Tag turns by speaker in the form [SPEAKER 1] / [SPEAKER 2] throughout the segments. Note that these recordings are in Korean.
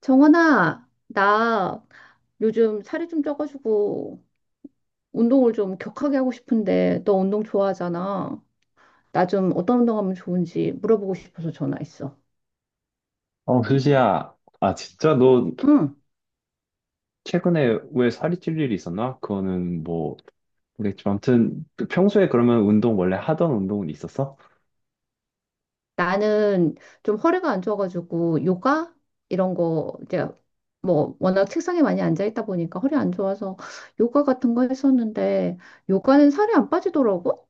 [SPEAKER 1] 정원아, 나 요즘 살이 좀 쪄가지고 운동을 좀 격하게 하고 싶은데 너 운동 좋아하잖아. 나 좀 어떤 운동하면 좋은지 물어보고 싶어서 전화했어.
[SPEAKER 2] 어, 수지야. 아, 진짜 너
[SPEAKER 1] 응.
[SPEAKER 2] 최근에 왜 살이 찔 일이 있었나? 그거는 뭐, 모르겠지만. 아무튼, 평소에 그러면 원래 하던 운동은 있었어?
[SPEAKER 1] 나는 좀 허리가 안 좋아가지고 요가 이런 거 이제 뭐 워낙 책상에 많이 앉아 있다 보니까 허리 안 좋아서 요가 같은 거 했었는데 요가는 살이 안 빠지더라고.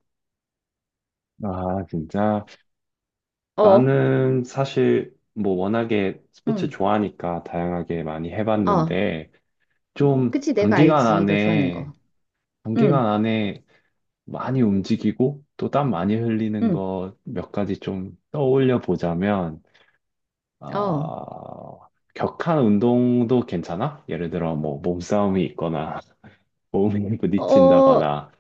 [SPEAKER 2] 아, 진짜.
[SPEAKER 1] 어.
[SPEAKER 2] 나는 사실 뭐 워낙에 스포츠
[SPEAKER 1] 응.
[SPEAKER 2] 좋아하니까 다양하게 많이
[SPEAKER 1] 어.
[SPEAKER 2] 해봤는데, 좀
[SPEAKER 1] 그치, 내가
[SPEAKER 2] 단기간
[SPEAKER 1] 알지. 너 좋아하는 거.
[SPEAKER 2] 안에, 단기간
[SPEAKER 1] 응.
[SPEAKER 2] 안에 많이 움직이고, 또 땀 많이 흘리는
[SPEAKER 1] 응.
[SPEAKER 2] 거 몇 가지 좀 떠올려 보자면,
[SPEAKER 1] 어.
[SPEAKER 2] 어, 격한 운동도 괜찮아? 예를 들어 뭐 몸싸움이 있거나 몸이
[SPEAKER 1] 어,
[SPEAKER 2] 부딪힌다거나.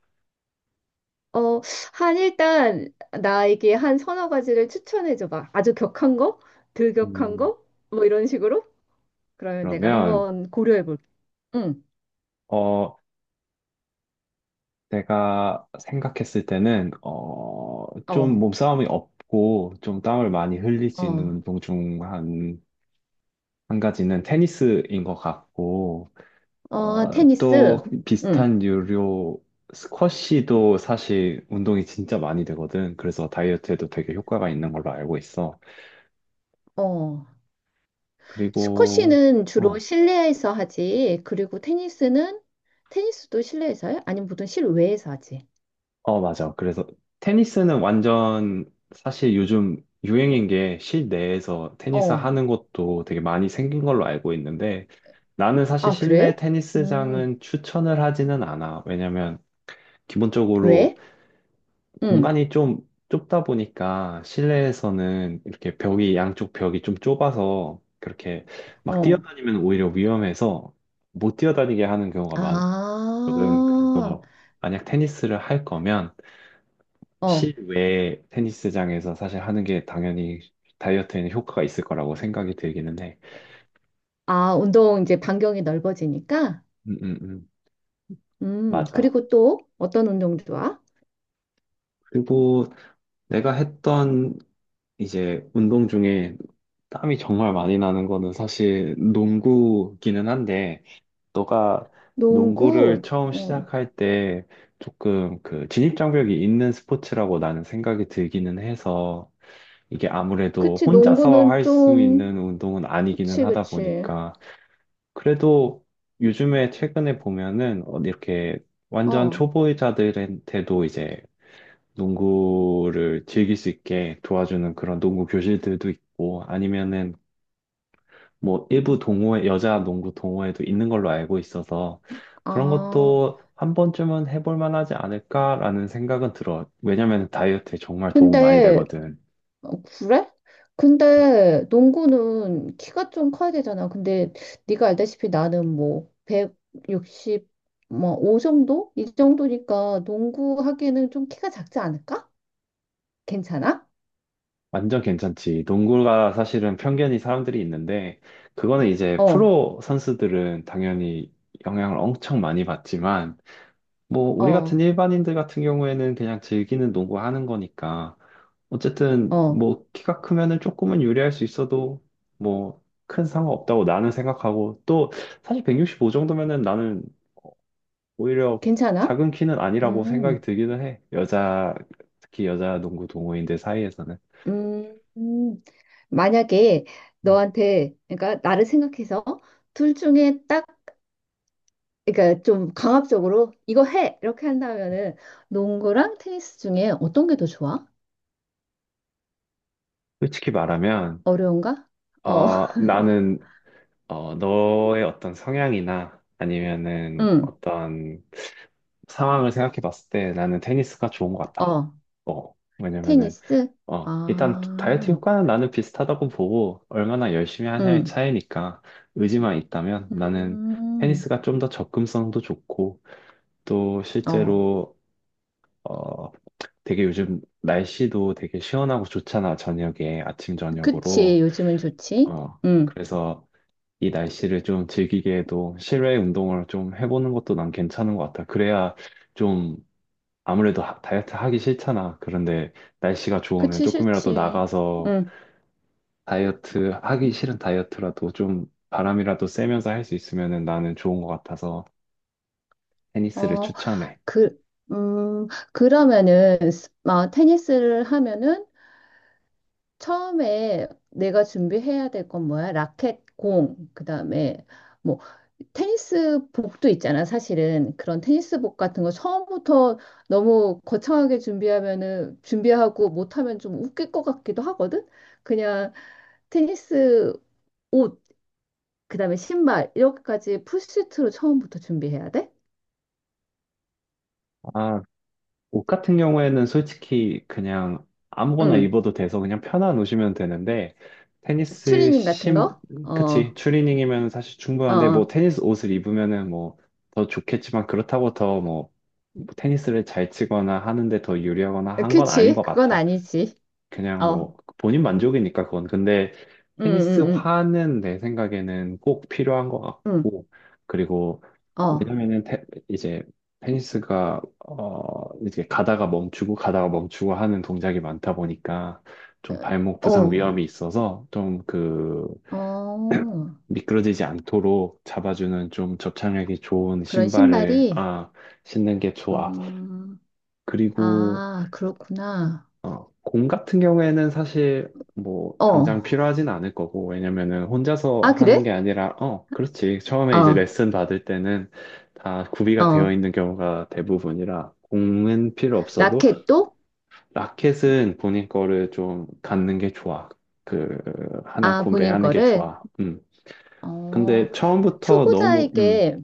[SPEAKER 1] 어, 한 일단 나에게 한 서너 가지를 추천해 줘봐. 아주 격한 거? 덜 격한
[SPEAKER 2] 음,
[SPEAKER 1] 거? 뭐 이런 식으로? 그러면 내가
[SPEAKER 2] 그러면,
[SPEAKER 1] 한번 고려해 볼게. 응.
[SPEAKER 2] 어 내가 생각했을 때는 어좀
[SPEAKER 1] 어.
[SPEAKER 2] 몸싸움이 없고 좀 땀을 많이 흘릴 수 있는
[SPEAKER 1] 어.
[SPEAKER 2] 운동 중 한 가지는 테니스인 것 같고,
[SPEAKER 1] 어,
[SPEAKER 2] 어또
[SPEAKER 1] 테니스. 응.
[SPEAKER 2] 비슷한 유료 스쿼시도 사실 운동이 진짜 많이 되거든. 그래서 다이어트에도 되게 효과가 있는 걸로 알고 있어.
[SPEAKER 1] 어.
[SPEAKER 2] 그리고,
[SPEAKER 1] 스쿼시는 주로
[SPEAKER 2] 어,
[SPEAKER 1] 실내에서 하지. 그리고 테니스는 테니스도 실내에서 해? 아니면 보통 실외에서 하지?
[SPEAKER 2] 어, 맞아. 그래서 테니스는 완전, 사실 요즘 유행인 게 실내에서 테니스
[SPEAKER 1] 어.
[SPEAKER 2] 하는 것도 되게 많이 생긴 걸로 알고 있는데, 나는 사실
[SPEAKER 1] 아,
[SPEAKER 2] 실내
[SPEAKER 1] 그래? 음.
[SPEAKER 2] 테니스장은 추천을 하지는 않아. 왜냐면 기본적으로
[SPEAKER 1] 왜? 응.
[SPEAKER 2] 공간이 좀 좁다 보니까 실내에서는 이렇게 양쪽 벽이 좀 좁아서, 그렇게 막
[SPEAKER 1] 어.
[SPEAKER 2] 뛰어다니면 오히려 위험해서 못 뛰어다니게 하는 경우가 많, 거든.
[SPEAKER 1] 아.
[SPEAKER 2] 그래서 만약 테니스를 할 거면
[SPEAKER 1] 어.
[SPEAKER 2] 실외 테니스장에서 사실 하는 게 당연히 다이어트에는 효과가 있을 거라고 생각이 들기는 해.
[SPEAKER 1] 아, 운동 이제 반경이 넓어지니까?
[SPEAKER 2] 음, 음, 음. 맞아.
[SPEAKER 1] 그리고 또 어떤 운동 좋아?
[SPEAKER 2] 그리고 내가 했던 이제 운동 중에 땀이 정말 많이 나는 거는 사실 농구기는 한데, 너가 농구를
[SPEAKER 1] 농구?
[SPEAKER 2] 처음
[SPEAKER 1] 어,
[SPEAKER 2] 시작할 때 조금 그 진입장벽이 있는 스포츠라고 나는 생각이 들기는 해서, 이게 아무래도
[SPEAKER 1] 그치,
[SPEAKER 2] 혼자서
[SPEAKER 1] 농구는
[SPEAKER 2] 할 수
[SPEAKER 1] 좀,
[SPEAKER 2] 있는 운동은 아니기는
[SPEAKER 1] 그치,
[SPEAKER 2] 하다
[SPEAKER 1] 그치.
[SPEAKER 2] 보니까. 그래도 요즘에 최근에 보면은, 이렇게 완전
[SPEAKER 1] 어,
[SPEAKER 2] 초보자들한테도 이제 농구를 즐길 수 있게 도와주는 그런 농구 교실들도 있고, 아니면은 뭐 일부 동호회, 여자 농구 동호회도 있는 걸로 알고 있어서, 그런
[SPEAKER 1] 아,
[SPEAKER 2] 것도 한 번쯤은 해볼 만하지 않을까라는 생각은 들어. 왜냐면 다이어트에 정말 도움 많이
[SPEAKER 1] 근데,
[SPEAKER 2] 되거든.
[SPEAKER 1] 어, 그래? 근데 농구는 키가 좀 커야 되잖아. 근데 네가 알다시피 나는 뭐, 160, 뭐, 5 정도? 이 정도니까 농구 하기에는 좀 키가 작지 않을까? 괜찮아?
[SPEAKER 2] 완전 괜찮지. 농구가 사실은 편견이 사람들이 있는데, 그거는 이제
[SPEAKER 1] 어,
[SPEAKER 2] 프로 선수들은 당연히 영향을 엄청 많이 받지만, 뭐, 우리 같은
[SPEAKER 1] 어,
[SPEAKER 2] 일반인들 같은 경우에는 그냥 즐기는 농구 하는 거니까, 어쨌든,
[SPEAKER 1] 어,
[SPEAKER 2] 뭐, 키가 크면은 조금은 유리할 수 있어도, 뭐, 큰 상관없다고 나는 생각하고, 또, 사실 165 정도면은 나는 오히려
[SPEAKER 1] 괜찮아?
[SPEAKER 2] 작은 키는 아니라고 생각이
[SPEAKER 1] 음.
[SPEAKER 2] 들기는 해. 여자, 특히 여자 농구 동호인들 사이에서는.
[SPEAKER 1] 음, 음, 만약에
[SPEAKER 2] 음.
[SPEAKER 1] 너한테, 그러니까 나를 생각해서 둘 중에 딱, 그러니까 좀 강압적으로 이거 해! 이렇게 한다면은 농구랑 테니스 중에 어떤 게 더 좋아?
[SPEAKER 2] 솔직히 말하면,
[SPEAKER 1] 어려운가? 어,
[SPEAKER 2] 나는, 너의 어떤 성향이나 아니면은
[SPEAKER 1] 응,
[SPEAKER 2] 어떤 상황을 생각해 봤을 때 나는 테니스가 좋은 것 같다.
[SPEAKER 1] 어,
[SPEAKER 2] 어, 왜냐면은,
[SPEAKER 1] 테니스?
[SPEAKER 2] 일단
[SPEAKER 1] 아,
[SPEAKER 2] 다이어트 효과는 나는 비슷하다고 보고 얼마나 열심히 하냐의
[SPEAKER 1] 응,
[SPEAKER 2] 차이니까, 의지만 있다면 나는
[SPEAKER 1] 음,
[SPEAKER 2] 테니스가 좀 더 접근성도 좋고, 또
[SPEAKER 1] 어,
[SPEAKER 2] 실제로 어, 되게 요즘 날씨도 되게 시원하고 좋잖아. 저녁에, 아침
[SPEAKER 1] 그치,
[SPEAKER 2] 저녁으로.
[SPEAKER 1] 요즘은 좋지?
[SPEAKER 2] 어,
[SPEAKER 1] 응,
[SPEAKER 2] 그래서 이 날씨를 좀 즐기게 해도 실외 운동을 좀 해보는 것도 난 괜찮은 것 같아. 그래야 좀 아무래도, 다이어트 하기 싫잖아. 그런데 날씨가 좋으면
[SPEAKER 1] 그치,
[SPEAKER 2] 조금이라도
[SPEAKER 1] 싫지.
[SPEAKER 2] 나가서
[SPEAKER 1] 응,
[SPEAKER 2] 다이어트 하기 싫은 다이어트라도 좀 바람이라도 쐬면서 할 수 있으면 나는 좋은 것 같아서 테니스를
[SPEAKER 1] 어,
[SPEAKER 2] 추천해.
[SPEAKER 1] 그, 음, 그러면은, 아, 테니스를 하면은 처음에 내가 준비해야 될 건 뭐야? 라켓, 공, 그다음에 뭐 테니스 복도 있잖아, 사실은. 그런 테니스 복 같은 거 처음부터 너무 거창하게 준비하면은 준비하고 못하면 좀 웃길 것 같기도 하거든. 그냥 테니스 옷, 그다음에 신발 이렇게까지 풀세트로 처음부터 준비해야 돼?
[SPEAKER 2] 아, 옷 같은 경우에는 솔직히 그냥 아무거나
[SPEAKER 1] 응.
[SPEAKER 2] 입어도 돼서 그냥 편한 옷이면 되는데, 테니스
[SPEAKER 1] 추리닝 같은
[SPEAKER 2] 심,
[SPEAKER 1] 거? 어.
[SPEAKER 2] 그치. 추리닝이면 사실 충분한데, 뭐
[SPEAKER 1] 어.
[SPEAKER 2] 테니스 옷을 입으면은 뭐 더 좋겠지만, 그렇다고 더 뭐 테니스를 잘 치거나 하는데 더 유리하거나 한 건 아닌
[SPEAKER 1] 그치.
[SPEAKER 2] 것
[SPEAKER 1] 그건
[SPEAKER 2] 같아.
[SPEAKER 1] 아니지.
[SPEAKER 2] 그냥
[SPEAKER 1] 어.
[SPEAKER 2] 뭐 본인 만족이니까, 그건. 근데
[SPEAKER 1] 응, 응, 응.
[SPEAKER 2] 테니스화는 내 생각에는 꼭 필요한 것
[SPEAKER 1] 응.
[SPEAKER 2] 같고, 그리고,
[SPEAKER 1] 어.
[SPEAKER 2] 왜냐면은 이제 테니스가 이제 가다가 멈추고 가다가 멈추고 하는 동작이 많다 보니까, 좀 발목 부상
[SPEAKER 1] 어,
[SPEAKER 2] 위험이 있어서 좀 그
[SPEAKER 1] 어,
[SPEAKER 2] 미끄러지지 않도록 잡아주는 좀 접착력이 좋은
[SPEAKER 1] 그런
[SPEAKER 2] 신발을
[SPEAKER 1] 신발이,
[SPEAKER 2] 신는 게 좋아.
[SPEAKER 1] 음,
[SPEAKER 2] 그리고,
[SPEAKER 1] 아, 그렇구나.
[SPEAKER 2] 공 같은 경우에는 사실 뭐
[SPEAKER 1] 어,
[SPEAKER 2] 당장 필요하진 않을 거고, 왜냐면은 혼자서
[SPEAKER 1] 아,
[SPEAKER 2] 하는 게
[SPEAKER 1] 그래?
[SPEAKER 2] 아니라. 그렇지, 처음에 이제
[SPEAKER 1] 어,
[SPEAKER 2] 레슨 받을 때는 다 구비가
[SPEAKER 1] 어,
[SPEAKER 2] 되어 있는 경우가 대부분이라 공은 필요 없어도,
[SPEAKER 1] 라켓도?
[SPEAKER 2] 라켓은 본인 거를 좀 갖는 게 좋아. 그 하나
[SPEAKER 1] 아, 본인
[SPEAKER 2] 구매하는 게
[SPEAKER 1] 거를?
[SPEAKER 2] 좋아. 근데
[SPEAKER 1] 어,
[SPEAKER 2] 처음부터 너무,
[SPEAKER 1] 초보자에게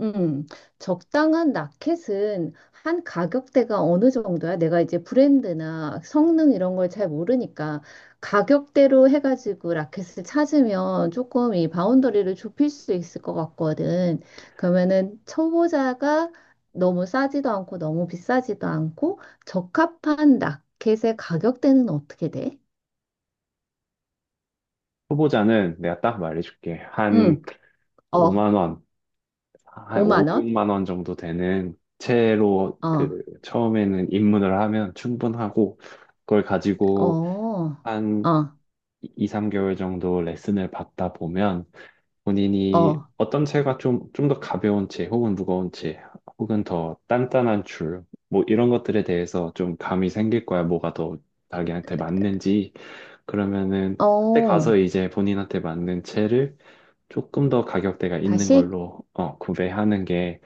[SPEAKER 1] 음, 적당한 라켓은 한 가격대가 어느 정도야? 내가 이제 브랜드나 성능 이런 걸 잘 모르니까 가격대로 해가지고 라켓을 찾으면 조금 이 바운더리를 좁힐 수 있을 것 같거든. 그러면은 초보자가 너무 싸지도 않고 너무 비싸지도 않고 적합한 라켓의 가격대는 어떻게 돼?
[SPEAKER 2] 초보자는 내가 딱 말해줄게. 한
[SPEAKER 1] 응, 어,
[SPEAKER 2] 5만 원, 한 5,
[SPEAKER 1] 5만 원?
[SPEAKER 2] 6만 원 정도 되는 채로
[SPEAKER 1] 어,
[SPEAKER 2] 그 처음에는 입문을 하면 충분하고, 그걸
[SPEAKER 1] 어,
[SPEAKER 2] 가지고 한
[SPEAKER 1] 어,
[SPEAKER 2] 2, 3개월 정도 레슨을 받다 보면 본인이
[SPEAKER 1] 어,
[SPEAKER 2] 어떤 채가, 좀 더 가벼운 채 혹은 무거운 채 혹은 더 단단한 줄 뭐 이런 것들에 대해서 좀 감이 생길 거야. 뭐가 더 자기한테 맞는지. 그러면은 그때 가서
[SPEAKER 1] 어,
[SPEAKER 2] 이제 본인한테 맞는 채를 조금 더 가격대가 있는
[SPEAKER 1] 다시?
[SPEAKER 2] 걸로, 구매하는 게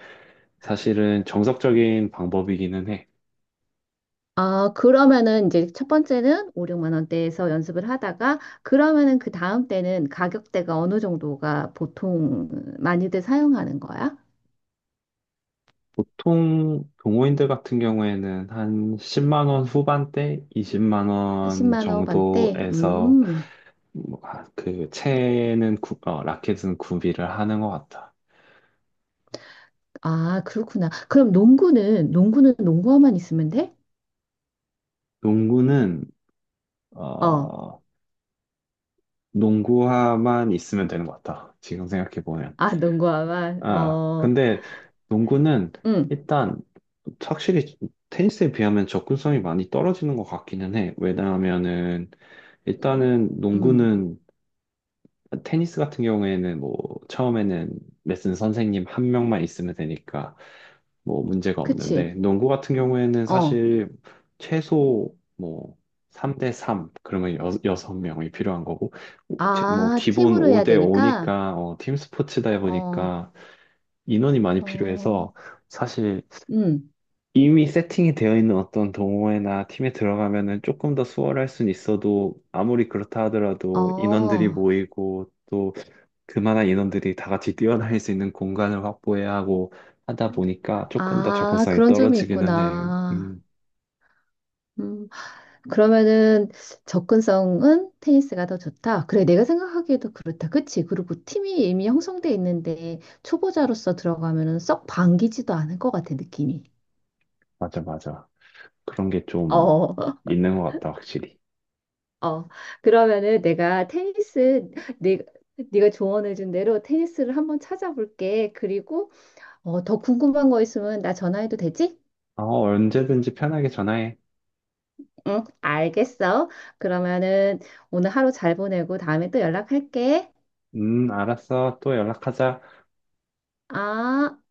[SPEAKER 2] 사실은 정석적인 방법이기는 해.
[SPEAKER 1] 아, 그러면은 이제 첫 번째는 5, 6만 원대에서 연습을 하다가 그러면은 그 다음 때는 가격대가 어느 정도가 보통 많이들 사용하는 거야?
[SPEAKER 2] 보통 동호인들 같은 경우에는 한 10만 원 후반대, 20만 원
[SPEAKER 1] 10만 원반대?
[SPEAKER 2] 정도에서
[SPEAKER 1] 음.
[SPEAKER 2] 뭐, 아, 라켓은 구비를 하는 것 같아.
[SPEAKER 1] 아, 그렇구나. 그럼 농구는 농구화만 있으면 돼?
[SPEAKER 2] 농구는,
[SPEAKER 1] 어.
[SPEAKER 2] 어, 농구화만 있으면 되는 것 같다. 지금 생각해 보면.
[SPEAKER 1] 아, 농구화만.
[SPEAKER 2] 아,
[SPEAKER 1] 어.
[SPEAKER 2] 근데 농구는
[SPEAKER 1] 음.
[SPEAKER 2] 일단 확실히 테니스에 비하면 접근성이 많이 떨어지는 것 같기는 해. 왜냐하면은 일단은
[SPEAKER 1] 음.
[SPEAKER 2] 농구는 테니스 같은 경우에는 뭐 처음에는 레슨 선생님 한 명만 있으면 되니까 뭐 문제가
[SPEAKER 1] 그치.
[SPEAKER 2] 없는데, 농구 같은 경우에는
[SPEAKER 1] 어.
[SPEAKER 2] 사실 최소 뭐 3대 3, 그러면 여섯 명이 필요한 거고, 뭐
[SPEAKER 1] 아,
[SPEAKER 2] 기본
[SPEAKER 1] 팀으로 해야
[SPEAKER 2] 5대
[SPEAKER 1] 되니까.
[SPEAKER 2] 5니까 팀 스포츠다
[SPEAKER 1] 어.
[SPEAKER 2] 보니까 인원이 많이
[SPEAKER 1] 어.
[SPEAKER 2] 필요해서, 사실
[SPEAKER 1] 음.
[SPEAKER 2] 이미 세팅이 되어 있는 어떤 동호회나 팀에 들어가면은 조금 더 수월할 순 있어도 아무리 그렇다 하더라도 인원들이
[SPEAKER 1] 어.
[SPEAKER 2] 모이고, 또 그만한 인원들이 다 같이 뛰어다닐 수 있는 공간을 확보해야 하고 하다 보니까 조금 더
[SPEAKER 1] 아,
[SPEAKER 2] 접근성이
[SPEAKER 1] 그런 점이
[SPEAKER 2] 떨어지기는 해.
[SPEAKER 1] 있구나.
[SPEAKER 2] 음,
[SPEAKER 1] 음, 그러면은 접근성은 테니스가 더 좋다. 그래, 내가 생각하기에도 그렇다. 그치? 그리고 팀이 이미 형성돼 있는데 초보자로서 들어가면은 썩 반기지도 않을 것 같아, 느낌이.
[SPEAKER 2] 맞아, 맞아. 그런 게 좀
[SPEAKER 1] 어,
[SPEAKER 2] 있는 것 같다, 확실히.
[SPEAKER 1] 어. 그러면은 내가 테니스, 네, 네가 조언해준 대로 테니스를 한번 찾아볼게. 그리고 어, 더 궁금한 거 있으면 나 전화해도 되지?
[SPEAKER 2] 언제든지 편하게 전화해.
[SPEAKER 1] 응, 알겠어. 그러면은 오늘 하루 잘 보내고 다음에 또 연락할게.
[SPEAKER 2] 알았어. 또 연락하자.
[SPEAKER 1] 아.